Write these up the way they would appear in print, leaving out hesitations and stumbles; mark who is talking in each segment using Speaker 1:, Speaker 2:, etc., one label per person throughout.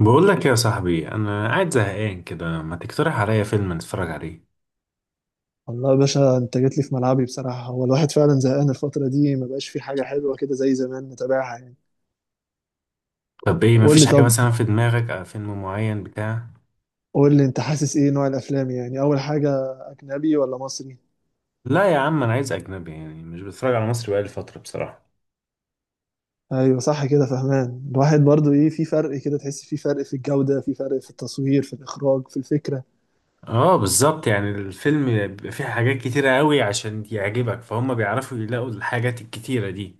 Speaker 1: بقول لك يا صاحبي، انا قاعد زهقان كده، ما تقترح عليا فيلم نتفرج عليه؟
Speaker 2: والله يا باشا، انت جيت لي في ملعبي. بصراحة هو الواحد فعلا زهقان الفترة دي، ما بقاش في حاجة حلوة كده زي زمان نتابعها يعني.
Speaker 1: طب ايه؟
Speaker 2: قول
Speaker 1: مفيش
Speaker 2: لي
Speaker 1: حاجه
Speaker 2: طب.
Speaker 1: مثلا في دماغك أو فيلم معين بتاع؟
Speaker 2: قول لي انت حاسس ايه نوع الافلام؟ يعني اول حاجة، اجنبي ولا مصري؟
Speaker 1: لا يا عم، انا عايز اجنبي يعني، مش بتفرج على مصري بقالي فتره بصراحه.
Speaker 2: ايوه صح كده، فهمان. الواحد برضو ايه، في فرق كده، تحس في فرق في الجودة، في فرق في التصوير، في الاخراج، في الفكرة.
Speaker 1: اه بالظبط، يعني الفيلم بيبقى فيه حاجات كتيره قوي عشان يعجبك، فهم بيعرفوا يلاقوا الحاجات الكتيره دي.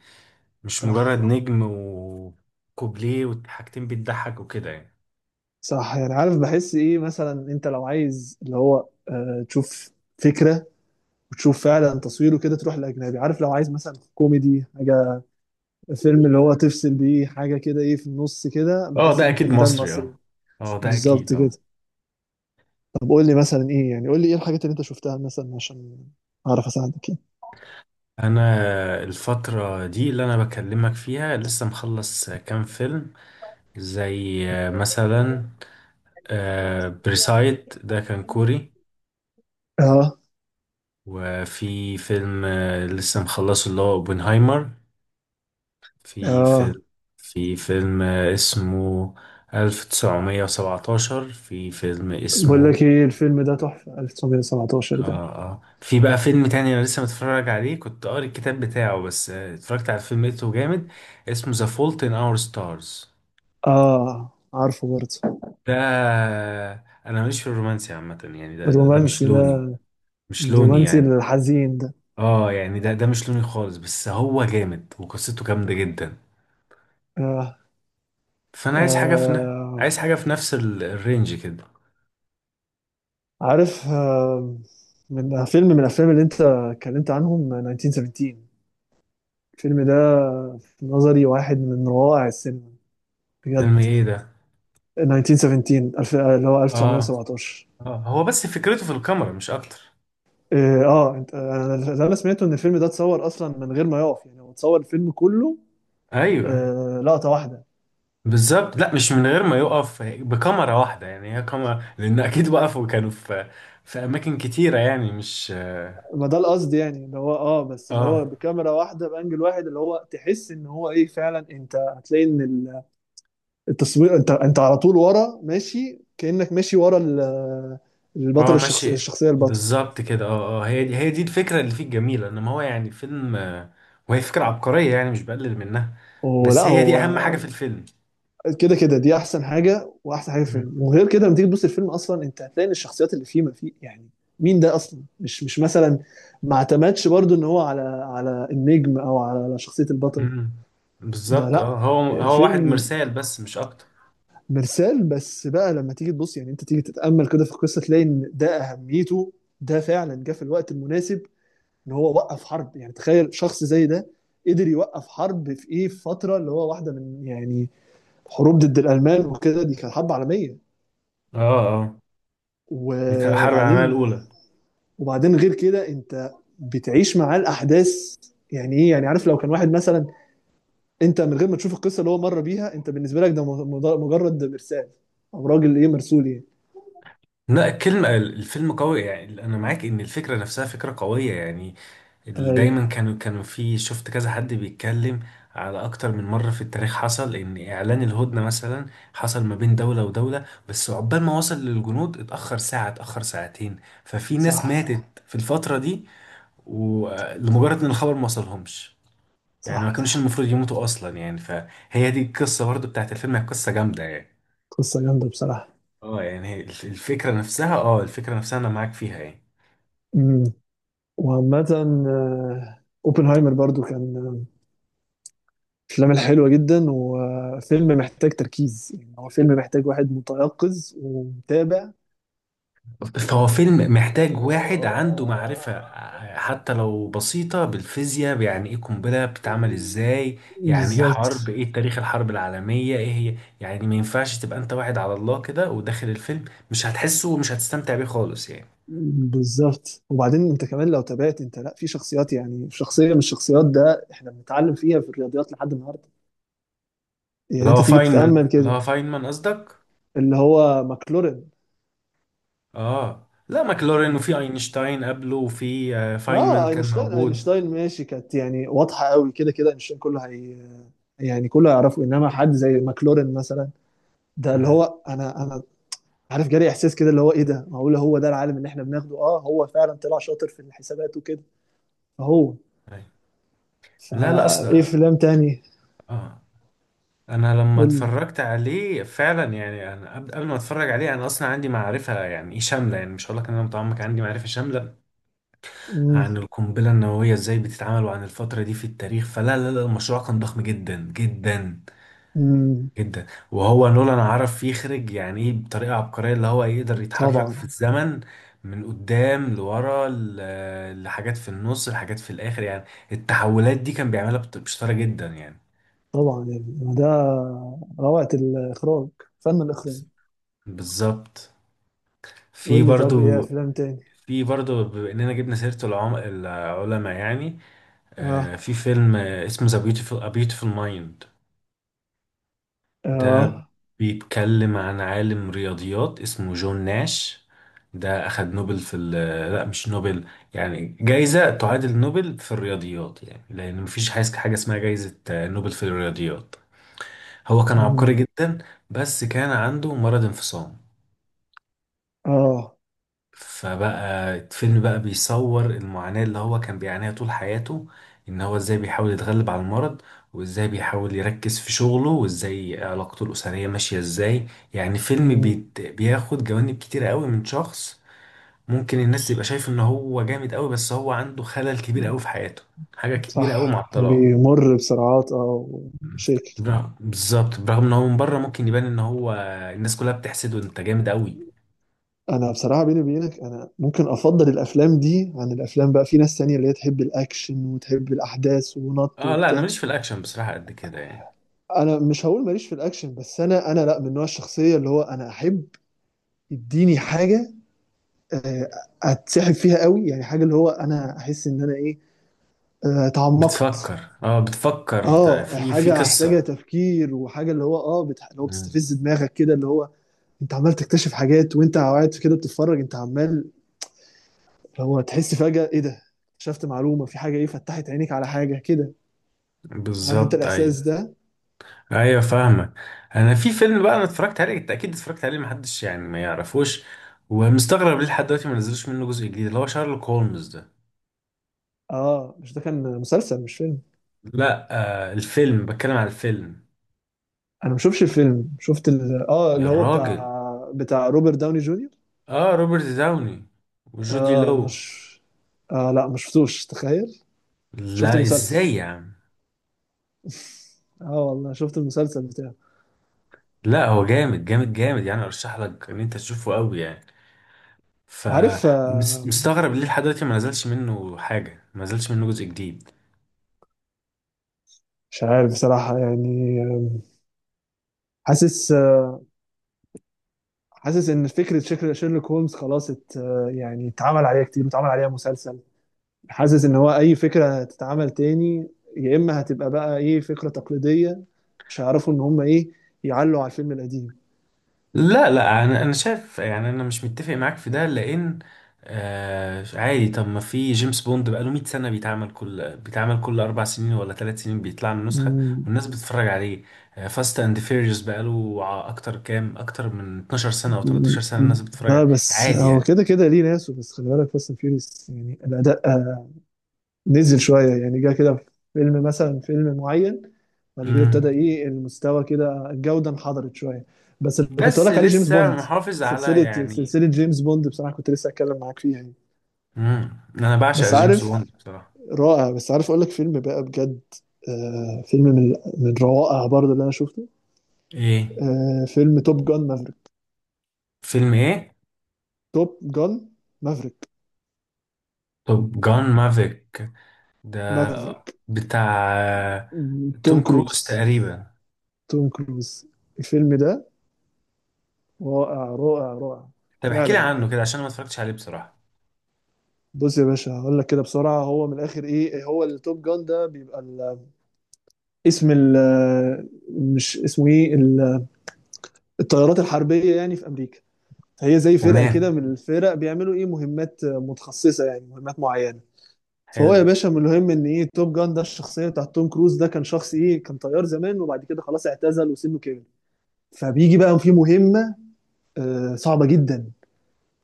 Speaker 1: مش مجرد
Speaker 2: صح.
Speaker 1: نجم وكوبليه وحاجتين بتضحك وكده يعني.
Speaker 2: صح، يعني عارف بحس ايه مثلا. انت لو عايز اللي هو تشوف فكرة وتشوف فعلا تصويره كده، تروح للاجنبي. عارف لو عايز مثلا كوميدي حاجة، فيلم اللي هو تفصل بيه حاجة كده، ايه في النص كده،
Speaker 1: اه،
Speaker 2: بحس
Speaker 1: ده اكيد
Speaker 2: ممكن ده
Speaker 1: مصري،
Speaker 2: المصري.
Speaker 1: اه. اه، ده اكيد،
Speaker 2: بالظبط كده.
Speaker 1: اه.
Speaker 2: طب قول لي مثلا ايه؟ يعني قول لي ايه الحاجات اللي انت شفتها مثلا عشان اعرف اساعدك يعني.
Speaker 1: انا الفترة دي اللي انا بكلمك فيها لسه مخلص كام فيلم، زي مثلا بريسايد، ده كان كوري.
Speaker 2: اه
Speaker 1: وفي فيلم لسه مخلصه اللي هو اوبنهايمر. في
Speaker 2: اه،
Speaker 1: فيلم في فيلم اسمه 1917. في فيلم
Speaker 2: بقول
Speaker 1: اسمه.
Speaker 2: لك ايه؟ الفيلم ده تحفة،
Speaker 1: اه،
Speaker 2: 1917 ده.
Speaker 1: اه، في بقى فيلم تاني انا لسه متفرج عليه، كنت قاري الكتاب بتاعه بس اتفرجت على الفيلم لقيته جامد. اسمه ذا فولت ان اور ستارز.
Speaker 2: اه عارفه برضه.
Speaker 1: ده، انا ماليش في الرومانسي عامه يعني، ده مش
Speaker 2: الرومانسي
Speaker 1: لوني.
Speaker 2: ده.
Speaker 1: مش لوني
Speaker 2: الرومانسي
Speaker 1: يعني.
Speaker 2: الحزين ده.
Speaker 1: اه، يعني ده مش لوني خالص، بس هو جامد وقصته جامده جدا.
Speaker 2: آه.
Speaker 1: فانا
Speaker 2: آه،
Speaker 1: عايز حاجه في نفس الرينج كده.
Speaker 2: عارف آه. من فيلم، من الافلام اللي انت اتكلمت عنهم، 1917. الفيلم ده في نظري واحد من روائع السينما،
Speaker 1: فيلم
Speaker 2: بجد.
Speaker 1: ايه ده؟
Speaker 2: 1917، اللي هو
Speaker 1: اه،
Speaker 2: 1917.
Speaker 1: اه، هو بس فكرته في الكاميرا مش اكتر.
Speaker 2: إيه، انا اللي انا سمعته ان الفيلم ده اتصور اصلا من غير ما يقف، يعني هو اتصور الفيلم كله
Speaker 1: ايوه
Speaker 2: لقطة واحدة.
Speaker 1: بالظبط، لا مش من غير ما يقف بكاميرا واحده يعني، هي كاميرا لان اكيد وقفوا، كانوا في اماكن كتيره يعني، مش.
Speaker 2: ما ده القصد، يعني اللي هو بس اللي
Speaker 1: اه،
Speaker 2: هو بكاميرا واحدة بانجل واحد، اللي هو تحس ان هو ايه فعلا. انت هتلاقي ان التصوير، انت على طول ورا ماشي، كأنك ماشي ورا البطل،
Speaker 1: اه،
Speaker 2: الشخص،
Speaker 1: ماشي.
Speaker 2: الشخصية البطل.
Speaker 1: بالظبط كده، اه، اه، هي دي الفكره اللي فيه الجميله، انما هو يعني فيلم وهي فكره عبقريه يعني، مش بقلل منها.
Speaker 2: ولا
Speaker 1: بس هي دي
Speaker 2: هو
Speaker 1: اهم حاجه في الفيلم.
Speaker 2: كده. كده دي احسن حاجه، واحسن حاجه في
Speaker 1: مم.
Speaker 2: الفيلم. وغير كده لما تيجي تبص الفيلم اصلا، انت هتلاقي ان الشخصيات اللي فيه، ما فيه يعني مين ده اصلا. مش مثلا، ما اعتمدش برضو ان هو على النجم او على شخصيه البطل.
Speaker 1: مم.
Speaker 2: ده
Speaker 1: بالظبط،
Speaker 2: لا،
Speaker 1: اه، هو واحد
Speaker 2: الفيلم
Speaker 1: مرسال بس مش اكتر.
Speaker 2: مرسال بس بقى. لما تيجي تبص، يعني انت تيجي تتامل كده في القصه، تلاقي ان ده اهميته، ده فعلا جه في الوقت المناسب. ان هو وقف حرب، يعني تخيل شخص زي ده قدر يوقف حرب. في ايه، في فتره اللي هو واحده من يعني حروب ضد الالمان وكده، دي كانت حرب عالميه.
Speaker 1: اه، اه، بتاع الحرب العالميه
Speaker 2: وبعدين.
Speaker 1: الاولى.
Speaker 2: وبعدين غير كده، انت بتعيش معاه الاحداث. يعني ايه يعني؟ عارف لو كان واحد مثلا، انت من غير ما تشوف القصه اللي هو مر بيها، انت بالنسبه لك ده مجرد مرسال، او راجل ايه، مرسول يعني.
Speaker 1: لا، الكلمه، الفيلم قوي يعني، انا معاك ان الفكره نفسها فكره قويه يعني.
Speaker 2: ايوه.
Speaker 1: دايما كانوا في، شفت كذا حد بيتكلم على اكتر من مرة في التاريخ، حصل ان اعلان الهدنة مثلا حصل ما بين دولة ودولة، بس عقبال ما وصل للجنود اتأخر ساعة، اتأخر ساعتين. ففي ناس
Speaker 2: صح.
Speaker 1: ماتت في الفترة دي، ولمجرد ان الخبر ما وصلهمش، يعني ما
Speaker 2: صح.
Speaker 1: كانوش المفروض يموتوا اصلا يعني، فهي دي القصة برضو بتاعت الفيلم، هي قصة جامدة يعني.
Speaker 2: قصه جامده بصراحه.
Speaker 1: اه يعني، هي الفكرة نفسها انا معاك فيها يعني.
Speaker 2: امم وعامه، اوبنهايمر برضو كان من الافلام الحلوه جدا. وفيلم محتاج تركيز، يعني هو فيلم محتاج واحد متيقظ ومتابع.
Speaker 1: فهو فيلم محتاج واحد عنده معرفة حتى لو بسيطة، بالفيزياء يعني ايه قنبلة بتتعمل
Speaker 2: و-
Speaker 1: ازاي، يعني ايه
Speaker 2: بالظبط.
Speaker 1: حرب، ايه تاريخ الحرب العالمية ايه هي يعني، ما ينفعش تبقى انت واحد على الله كده وداخل الفيلم. مش هتحسه ومش هتستمتع بيه خالص يعني.
Speaker 2: بالظبط، وبعدين انت كمان لو تابعت، انت لا، في شخصيات. يعني شخصيه من الشخصيات، ده احنا بنتعلم فيها في الرياضيات لحد النهارده. يعني
Speaker 1: اللي
Speaker 2: انت
Speaker 1: هو
Speaker 2: تيجي تتامل
Speaker 1: فاينمان اللي
Speaker 2: كده.
Speaker 1: هو فاينمان قصدك؟
Speaker 2: اللي هو ماكلورين.
Speaker 1: اه، لا، ماكلورين، وفي
Speaker 2: ماكلورين.
Speaker 1: اينشتاين قبله، وفي فاينمان
Speaker 2: اه،
Speaker 1: كان
Speaker 2: اينشتاين.
Speaker 1: موجود.
Speaker 2: اينشتاين ماشي، كانت يعني واضحه قوي كده. كده اينشتاين كله هي، يعني كله هيعرفه. انما حد زي ماكلورين مثلا، ده اللي
Speaker 1: مم.
Speaker 2: هو انا عارف، جالي احساس كده اللي هو ايه ده، معقول هو ده العالم اللي احنا بناخده؟ اه، هو فعلا طلع شاطر في الحسابات وكده. هو،
Speaker 1: أيوة. لا، لا،
Speaker 2: فايه
Speaker 1: اصلا.
Speaker 2: فيلم تاني؟
Speaker 1: اه. انا لما
Speaker 2: قول لي.
Speaker 1: اتفرجت عليه فعلا يعني، انا قبل ما اتفرج عليه انا اصلا عندي معرفه يعني ايه شامله، يعني مش هقول لك ان انا متعمق، عندي معرفه شامله
Speaker 2: مم.
Speaker 1: عن القنبله النوويه ازاي بتتعمل، وعن الفتره دي في التاريخ. فلا، لا، لا، المشروع كان ضخم جدا جدا
Speaker 2: مم.
Speaker 1: جدا. وهو نولان عرف يخرج يعني ايه بطريقه عبقريه، اللي هو يقدر يتحرك
Speaker 2: طبعا.
Speaker 1: في الزمن من قدام لورا، لحاجات في النص، لحاجات في الاخر يعني. التحولات دي كان بيعملها بشطاره جدا يعني.
Speaker 2: طبعا، يعني ده روعة الإخراج، فن الإخراج.
Speaker 1: بالظبط. في
Speaker 2: قول لي طب، إيه
Speaker 1: برضو.
Speaker 2: أفلام تاني؟
Speaker 1: في برضه، بما اننا جبنا سيرة العلماء يعني.
Speaker 2: آه.
Speaker 1: في فيلم اسمه ذا بيوتيفول A Beautiful Mind. ده
Speaker 2: آه.
Speaker 1: بيتكلم عن عالم رياضيات اسمه جون ناش. ده أخد نوبل في. لا، مش نوبل. يعني جايزة تعادل نوبل في الرياضيات يعني، لأن مفيش حاجة اسمها جايزة نوبل في الرياضيات. هو كان عبقري
Speaker 2: مم.
Speaker 1: جدا. بس كان عنده مرض انفصام.
Speaker 2: آه.
Speaker 1: فبقى الفيلم بقى بيصور المعاناة اللي هو كان بيعانيها طول حياته، ان هو ازاي بيحاول يتغلب على المرض، وازاي بيحاول يركز في شغله، وازاي علاقته الأسرية ماشية ازاي. يعني فيلم
Speaker 2: مم.
Speaker 1: بيت بياخد جوانب كتيرة قوي من شخص ممكن الناس تبقى شايف ان هو جامد قوي، بس هو عنده خلل كبير قوي في حياته، حاجة كبيرة قوي
Speaker 2: صح،
Speaker 1: معطلاه.
Speaker 2: بيمر بسرعات، اه،
Speaker 1: مم.
Speaker 2: ومشاكل.
Speaker 1: بالظبط، برغم ان هو من بره ممكن يبان ان هو الناس كلها بتحسده، انت جامد قوي.
Speaker 2: انا بصراحه بيني وبينك، انا ممكن افضل الافلام دي عن الافلام. بقى في ناس تانية اللي هي تحب الاكشن وتحب الاحداث ونط
Speaker 1: اه، لا، انا
Speaker 2: وبتاع.
Speaker 1: ماليش في الاكشن بصراحة قد كده يعني.
Speaker 2: انا مش هقول ماليش في الاكشن، بس انا لا، من نوع الشخصيه اللي هو انا احب. اديني حاجه آه، اتسحب فيها قوي، يعني حاجه اللي هو انا احس ان انا ايه، اتعمقت.
Speaker 1: بتفكر
Speaker 2: اه،
Speaker 1: في
Speaker 2: حاجه محتاجه
Speaker 1: قصة.
Speaker 2: تفكير، وحاجه اللي هو اللي هو
Speaker 1: مم.
Speaker 2: بتستفز دماغك كده. اللي هو انت عمال تكتشف حاجات وانت قاعد كده بتتفرج. انت عمال اللي هو تحس فجاه، ايه ده، اكتشفت معلومه في حاجه، ايه فتحت عينيك على حاجه كده. عارف انت
Speaker 1: بالظبط
Speaker 2: الاحساس
Speaker 1: ايوه.
Speaker 2: ده.
Speaker 1: ايوه، فاهمك. انا في فيلم بقى انا اتفرجت عليه، انت اكيد اتفرجت عليه، محدش يعني ما يعرفوش، ومستغرب ليه لحد دلوقتي ما نزلوش منه جزء جديد، اللي هو شارلوك هولمز ده.
Speaker 2: اه، مش ده كان مسلسل مش فيلم.
Speaker 1: لا. الفيلم، بتكلم على الفيلم.
Speaker 2: انا ما شفتش الفيلم، شفت ال... اه
Speaker 1: يا
Speaker 2: اللي هو
Speaker 1: راجل.
Speaker 2: بتاع روبرت داوني جونيور.
Speaker 1: اه، روبرت داوني وجودي
Speaker 2: اه،
Speaker 1: لو.
Speaker 2: مش آه لا، ما شفتوش، تخيل. شفت
Speaker 1: لا،
Speaker 2: المسلسل.
Speaker 1: ازاي يا عم؟
Speaker 2: اه والله، شفت المسلسل بتاعه.
Speaker 1: لا، هو جامد جامد جامد يعني، ارشح لك ان انت تشوفه قوي يعني.
Speaker 2: عارف.
Speaker 1: فمستغرب ليه لحد دلوقتي ما نزلش منه حاجة، ما نزلش منه جزء جديد.
Speaker 2: مش عارف بصراحة يعني. حاسس، حاسس ان فكرة شيرلوك هولمز خلاص ات آه، يعني اتعمل عليها كتير، واتعمل عليها مسلسل. حاسس ان هو اي فكرة هتتعمل تاني، يا اما هتبقى بقى ايه، فكرة تقليدية. مش هيعرفوا ان هم ايه، يعلوا على الفيلم القديم.
Speaker 1: لا، لا، انا شايف يعني، انا مش متفق معاك في ده لان. عادي، طب ما في جيمس بوند بقاله 100 سنة، بيتعمل كل 4 سنين ولا 3 سنين بيطلع له نسخة،
Speaker 2: مم.
Speaker 1: والناس بتتفرج عليه. فاست أند فيريوس بقاله أكتر من 12 سنة أو
Speaker 2: مم.
Speaker 1: 13 سنة، الناس بتتفرج
Speaker 2: لا
Speaker 1: عليه
Speaker 2: بس
Speaker 1: عادي
Speaker 2: هو كده
Speaker 1: يعني.
Speaker 2: كده ليه ناسه. بس خلي بالك فاست اند فيوريوس، يعني الاداء نزل شوية يعني، جه كده في فيلم، مثلا فيلم معين، بعد كده ابتدى
Speaker 1: مم.
Speaker 2: ايه المستوى كده، الجودة انحدرت شوية. بس اللي كنت اقول
Speaker 1: بس
Speaker 2: لك عليه جيمس
Speaker 1: لسه
Speaker 2: بوند.
Speaker 1: محافظ على
Speaker 2: سلسلة
Speaker 1: يعني.
Speaker 2: سلسلة جيمس بوند بصراحة كنت لسه هتكلم معاك فيها يعني.
Speaker 1: مم. أنا بعشق
Speaker 2: بس
Speaker 1: جيمس
Speaker 2: عارف.
Speaker 1: بوند بصراحة.
Speaker 2: رائع، بس عارف اقول لك فيلم بقى بجد. آه، فيلم من روائع برضه اللي انا شفته.
Speaker 1: ايه؟
Speaker 2: آه، فيلم توب جان مافريك.
Speaker 1: فيلم ايه؟
Speaker 2: توب جان مافريك.
Speaker 1: طب جان مافيك ده؟
Speaker 2: مافريك.
Speaker 1: بتاع
Speaker 2: توم
Speaker 1: توم كروز
Speaker 2: كروز.
Speaker 1: تقريبا.
Speaker 2: توم كروز. الفيلم ده رائع رائع رائع.
Speaker 1: طب احكي لي
Speaker 2: فعلا.
Speaker 1: عنه كده، عشان أنا ما اتفرجتش عليه بصراحة.
Speaker 2: بص يا باشا، هقول لك كده بسرعه. هو من الاخر ايه، هو التوب جان ده بيبقى اسم مش اسمه ايه، الطيارات الحربيه يعني في امريكا. فهي زي فرقه كده
Speaker 1: تمام.
Speaker 2: من الفرق، بيعملوا ايه مهمات متخصصه، يعني مهمات معينه. فهو يا
Speaker 1: حلو.
Speaker 2: باشا، من المهم ان ايه، توب جان ده الشخصيه بتاعت توم كروز، ده كان شخص ايه، كان طيار زمان وبعد كده خلاص اعتزل وسنه كبر. فبيجي بقى في مهمه صعبه جدا،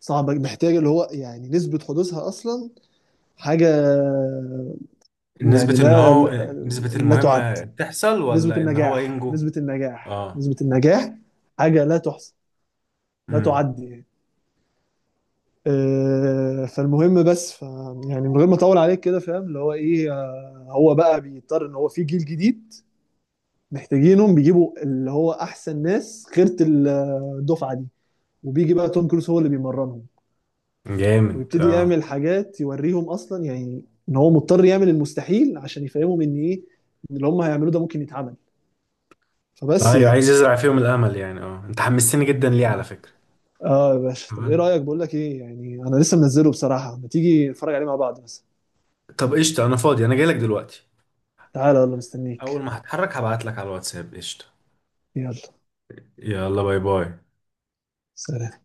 Speaker 2: صعبه محتاجه اللي هو يعني نسبه حدوثها اصلا حاجه،
Speaker 1: نسبة
Speaker 2: يعني
Speaker 1: ان
Speaker 2: لا
Speaker 1: هو،
Speaker 2: لا،
Speaker 1: نسبة
Speaker 2: لا تعد.
Speaker 1: المهمة تحصل
Speaker 2: نسبة
Speaker 1: ولا ان هو
Speaker 2: النجاح،
Speaker 1: ينجو؟
Speaker 2: نسبة النجاح،
Speaker 1: اه.
Speaker 2: نسبة النجاح حاجة لا تحصى، لا
Speaker 1: امم.
Speaker 2: تعد يعني. فالمهم بس يعني من غير ما اطول عليك كده، فاهم اللي هو ايه. هو بقى بيضطر ان هو في جيل جديد محتاجينهم، بيجيبوا اللي هو احسن ناس، خيرة الدفعة دي. وبيجي بقى توم كروز هو اللي بيمرنهم،
Speaker 1: جامد،
Speaker 2: ويبتدي
Speaker 1: اه.
Speaker 2: يعمل حاجات يوريهم اصلا، يعني ان هو مضطر يعمل المستحيل عشان يفهمهم ان ايه، إن اللي هم هيعملوه ده ممكن يتعمل. فبس.
Speaker 1: ايوه، عايز يزرع فيهم الامل يعني، انت حمستني جدا ليه
Speaker 2: يعني
Speaker 1: على فكرة.
Speaker 2: اه يا باشا، طب ايه
Speaker 1: تمام.
Speaker 2: رأيك، بقول لك ايه يعني، انا لسه منزله بصراحة، ما تيجي نتفرج عليه مع بعض مثلا.
Speaker 1: طب قشطة، انا فاضي، انا جايلك دلوقتي.
Speaker 2: تعالى يلا مستنيك.
Speaker 1: اول ما هتحرك هبعت لك على الواتساب، قشطة.
Speaker 2: يلا
Speaker 1: يلا، باي باي.
Speaker 2: سلام.